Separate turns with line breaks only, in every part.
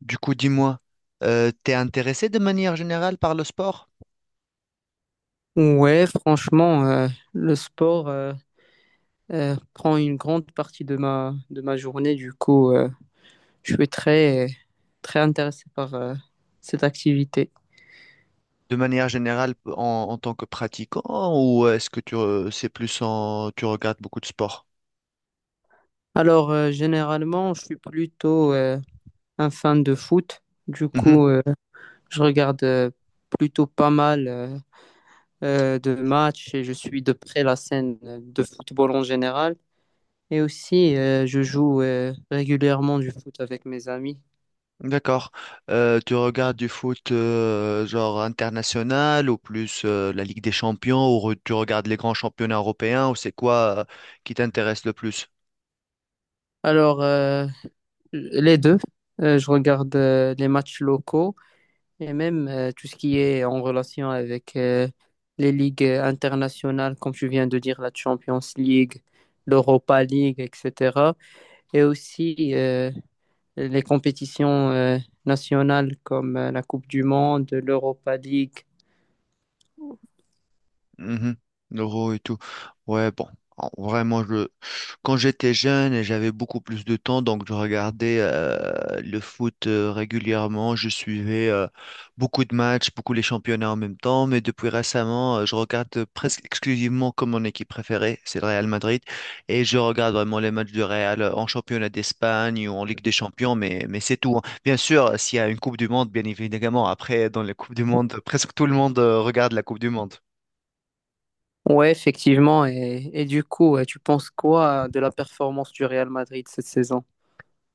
Du coup, dis-moi, t'es intéressé de manière générale par le sport?
Ouais, franchement, le sport prend une grande partie de de ma journée. Du coup, je suis très intéressé par cette activité.
De manière générale en tant que pratiquant ou est-ce que tu c'est plus en tu regardes beaucoup de sport?
Alors, généralement, je suis plutôt un fan de foot. Du coup, je regarde plutôt pas mal de matchs et je suis de près la scène de football en général. Et aussi, je joue régulièrement du foot avec mes amis.
Mhm, d'accord. Tu regardes du foot genre international ou plus la Ligue des Champions ou tu regardes les grands championnats européens ou c'est quoi qui t'intéresse le plus?
Alors, les deux. Je regarde les matchs locaux et même tout ce qui est en relation avec les ligues internationales, comme tu viens de dire, la Champions League, l'Europa League, etc. Et aussi les compétitions nationales comme la Coupe du Monde, l'Europa League.
Mhm. L'euro et tout. Ouais, bon. Vraiment, quand j'étais jeune, et j'avais beaucoup plus de temps, donc je regardais le foot régulièrement. Je suivais beaucoup de matchs, beaucoup les championnats en même temps. Mais depuis récemment, je regarde presque exclusivement comme mon équipe préférée, c'est le Real Madrid. Et je regarde vraiment les matchs du Real en championnat d'Espagne ou en Ligue des Champions, mais c'est tout, hein. Bien sûr, s'il y a une Coupe du Monde, bien évidemment, après, dans la Coupe du Monde, presque tout le monde regarde la Coupe du Monde.
Ouais, effectivement. Et du coup, tu penses quoi de la performance du Real Madrid cette saison?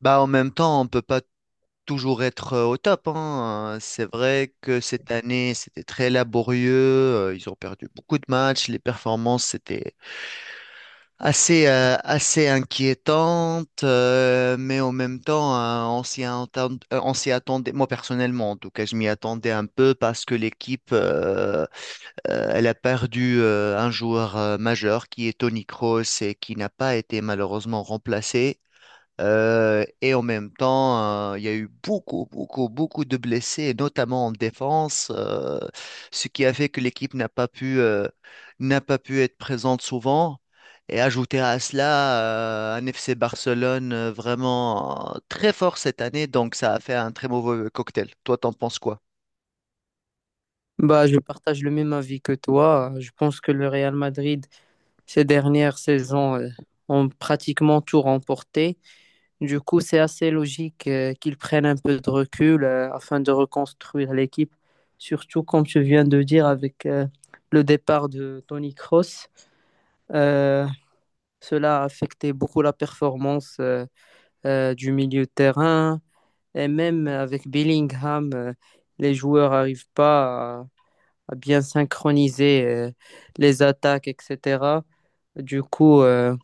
Bah, en même temps, on peut pas toujours être au top, hein. C'est vrai que cette année, c'était très laborieux. Ils ont perdu beaucoup de matchs. Les performances, c'était assez inquiétantes. Mais en même temps, on on s'y attendait. Moi, personnellement, en tout cas, je m'y attendais un peu parce que l'équipe, elle a perdu un joueur majeur qui est Tony Kroos et qui n'a pas été malheureusement remplacé. Et en même temps, il y a eu beaucoup, beaucoup, beaucoup de blessés, et notamment en défense, ce qui a fait que l'équipe n'a pas pu être présente souvent. Et ajouter à cela, un FC Barcelone vraiment très fort cette année, donc ça a fait un très mauvais cocktail. Toi, t'en penses quoi?
Bah, je partage le même avis que toi. Je pense que le Real Madrid ces dernières saisons ont pratiquement tout remporté. Du coup, c'est assez logique qu'ils prennent un peu de recul afin de reconstruire l'équipe, surtout comme tu viens de dire avec le départ de Tony Cross. Cela a affecté beaucoup la performance du milieu de terrain et même avec Bellingham, les joueurs n'arrivent pas à, à bien synchroniser les attaques, etc. Du coup, euh,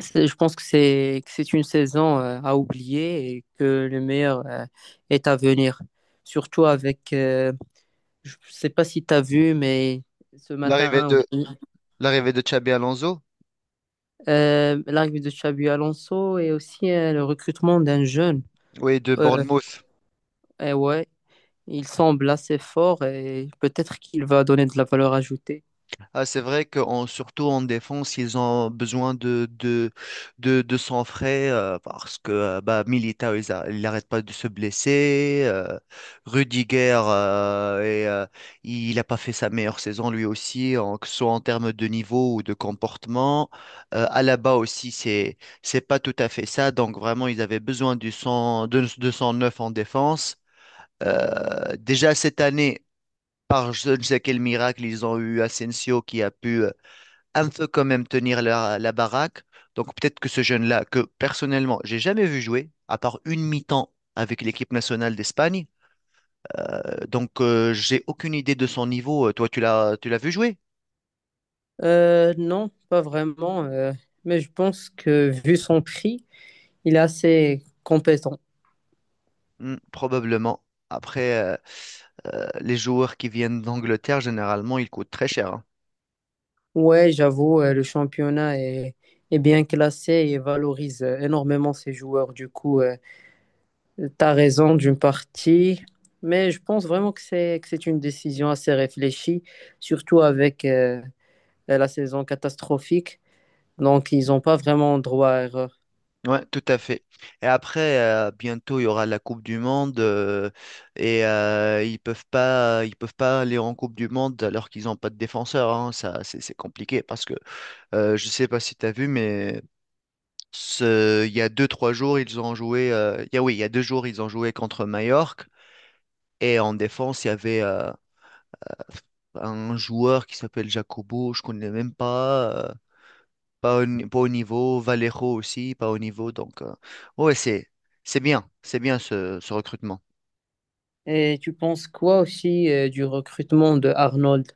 c'est- Je pense que c'est une saison à oublier et que le meilleur est à venir. Surtout avec, je sais pas si tu as vu, mais ce
L'arrivée
matin, ou
de,
bien,
L'arrivée de Xabi Alonso,
l'arrivée de Xabi Alonso et aussi le recrutement d'un jeune.
oui, de
Euh,
Bournemouth.
eh ouais, il semble assez fort et peut-être qu'il va donner de la valeur ajoutée.
Ah, c'est vrai que surtout en défense, ils ont besoin de sang frais parce que bah, Militao, il n'arrête pas de se blesser. Rudiger, il n'a pas fait sa meilleure saison lui aussi, en, que ce soit en termes de niveau ou de comportement. Alaba aussi, c'est pas tout à fait ça. Donc vraiment, ils avaient besoin du de sang neuf en défense. Déjà cette année, par je ne sais quel miracle, ils ont eu Asensio qui a pu un peu quand même tenir la baraque. Donc peut-être que ce jeune-là, que personnellement, j'ai jamais vu jouer, à part une mi-temps avec l'équipe nationale d'Espagne. Donc j'ai aucune idée de son niveau. Toi, tu l'as vu jouer?
Non, pas vraiment, mais je pense que vu son prix, il est assez compétent.
Hmm, probablement. Après, les joueurs qui viennent d'Angleterre, généralement, ils coûtent très cher, hein.
Ouais, j'avoue, le championnat est bien classé et valorise énormément ses joueurs. Du coup, t'as raison d'une partie, mais je pense vraiment que c'est une décision assez réfléchie, surtout avec la saison catastrophique. Donc, ils n'ont pas vraiment droit à erreur.
Ouais, tout à fait. Et après, bientôt, il y aura la Coupe du Monde et ils peuvent pas aller en Coupe du Monde alors qu'ils n'ont pas de défenseur, hein. Ça, c'est compliqué parce que je sais pas si tu as vu, mais il y a trois jours, ils ont joué. Oui, il y a deux jours, ils ont joué contre Majorque. Et en défense, il y avait un joueur qui s'appelle Jacobo, je connais même pas. Pas, au, ni- Pas au niveau. Valero aussi, pas au niveau. Ouais, c'est bien. C'est bien ce recrutement.
Et tu penses quoi aussi du recrutement de Arnold?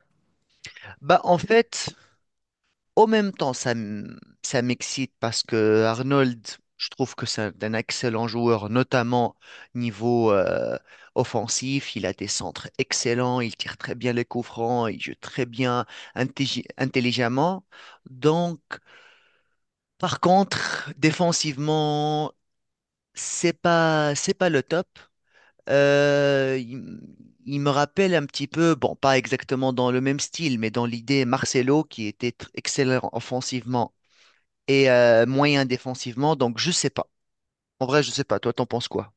Bah, en fait, En même temps, ça m'excite parce que Arnold, je trouve que c'est un excellent joueur, notamment niveau offensif. Il a des centres excellents, il tire très bien les coups francs, il joue très bien intelligemment. Donc, par contre, défensivement, c'est pas le top. Euh, il, il me rappelle un petit peu, bon, pas exactement dans le même style, mais dans l'idée Marcelo qui était excellent offensivement et moyen défensivement. Donc, je sais pas. En vrai, je sais pas. Toi, t'en penses quoi?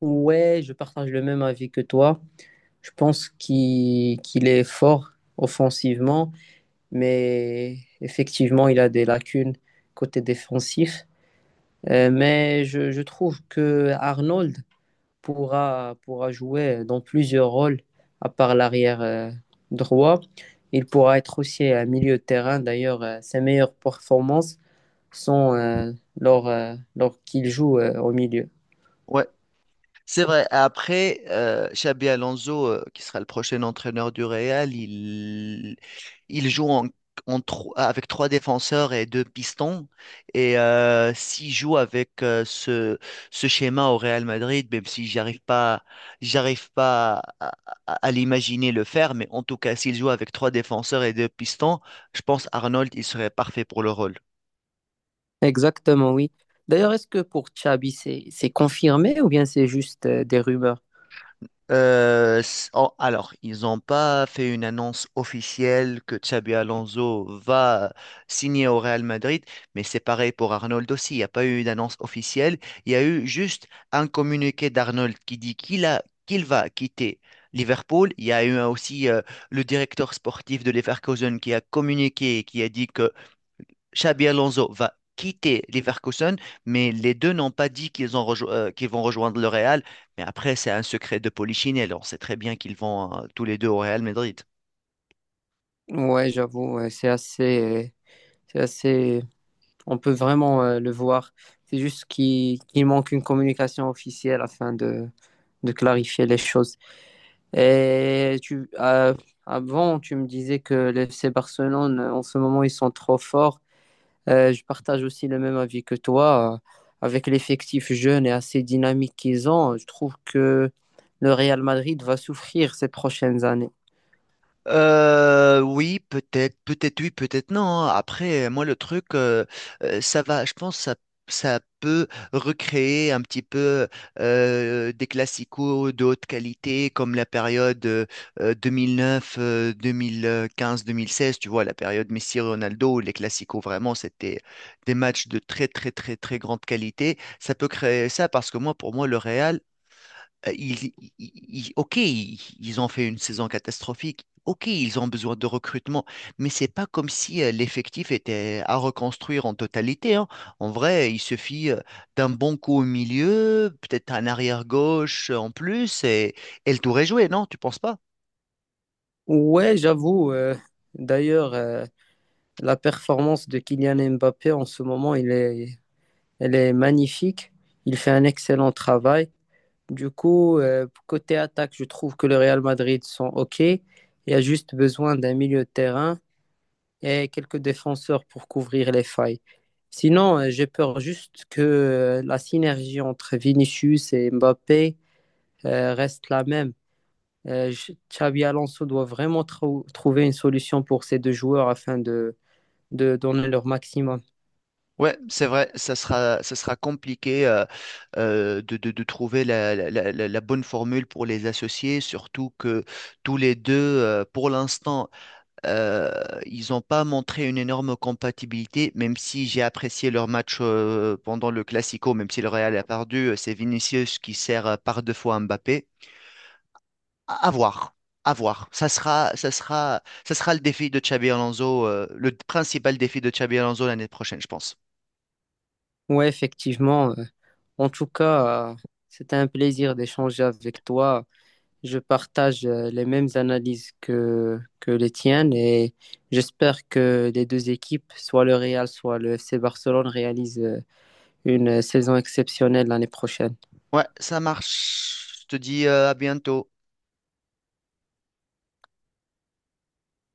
Ouais, je partage le même avis que toi. Je pense qu'il est fort offensivement, mais effectivement, il a des lacunes côté défensif. Je trouve que Arnold pourra jouer dans plusieurs rôles, à part l'arrière droit. Il pourra être aussi à milieu de terrain. D'ailleurs, ses meilleures performances sont lors qu'il joue au milieu.
Ouais. C'est vrai. Après, Xabi Alonso, qui sera le prochain entraîneur du Real, il joue avec trois défenseurs et deux pistons. Et s'il joue avec ce schéma au Real Madrid, même si j'arrive pas à l'imaginer le faire, mais en tout cas, s'il joue avec trois défenseurs et deux pistons, je pense Arnold, il serait parfait pour le rôle.
Exactement, oui. D'ailleurs, est-ce que pour Xabi, c'est confirmé ou bien c'est juste des rumeurs?
Alors, ils n'ont pas fait une annonce officielle que Xabi Alonso va signer au Real Madrid, mais c'est pareil pour Arnold aussi. Il n'y a pas eu d'annonce officielle. Il y a eu juste un communiqué d'Arnold qui dit qu'il va quitter Liverpool. Il y a eu aussi le directeur sportif de Leverkusen qui a communiqué, et qui a dit que Xabi Alonso va quitter Leverkusen, mais les deux n'ont pas dit qu'ils qu'ils vont rejoindre le Real. Mais après, c'est un secret de Polichinelle. On sait très bien qu'ils vont tous les deux au Real Madrid.
Ouais, j'avoue, ouais, c'est assez. On peut vraiment le voir. C'est juste qu'il manque une communication officielle afin de clarifier les choses. Et tu, avant, tu me disais que le FC Barcelone, en ce moment, ils sont trop forts. Je partage aussi le même avis que toi. Avec l'effectif jeune et assez dynamique qu'ils ont, je trouve que le Real Madrid va souffrir ces prochaines années.
Oui, peut-être, peut-être oui, peut-être non, hein. Après, moi, le truc, ça va, je pense, ça peut recréer un petit peu des classicos de haute qualité, comme la période 2009, 2015, 2016, tu vois, la période Messi-Ronaldo, où les classicos, vraiment, c'était des matchs de très, très, très, très grande qualité. Ça peut créer ça parce que moi, pour moi, le Real, ok, ils ont fait une saison catastrophique. Ok, ils ont besoin de recrutement, mais c'est pas comme si l'effectif était à reconstruire en totalité, hein. En vrai, il suffit d'un bon coup au milieu, peut-être un arrière-gauche en plus, et le tour est joué, non? Tu penses pas?
Ouais, j'avoue. D'ailleurs, la performance de Kylian Mbappé en ce moment, elle est magnifique. Il fait un excellent travail. Du coup, côté attaque, je trouve que le Real Madrid sont OK. Il y a juste besoin d'un milieu de terrain et quelques défenseurs pour couvrir les failles. Sinon, j'ai peur juste que la synergie entre Vinicius et Mbappé reste la même. Xabi Alonso doit vraiment trouver une solution pour ces deux joueurs afin de donner leur maximum.
Ouais, c'est vrai, ça sera compliqué de trouver la bonne formule pour les associer, surtout que tous les deux, pour l'instant, Euh, ils n'ont pas montré une énorme compatibilité, même si j'ai apprécié leur match pendant le Classico, même si le Real a perdu, c'est Vinicius qui sert par deux fois Mbappé. À voir, à voir. Ça sera le défi de Xabi Alonso, le principal défi de Xabi Alonso l'année prochaine, je pense.
Oui, effectivement. En tout cas, c'était un plaisir d'échanger avec toi. Je partage les mêmes analyses que les tiennes et j'espère que les deux équipes, soit le Real, soit le FC Barcelone, réalisent une saison exceptionnelle l'année prochaine.
Ouais, ça marche. Je te dis à bientôt.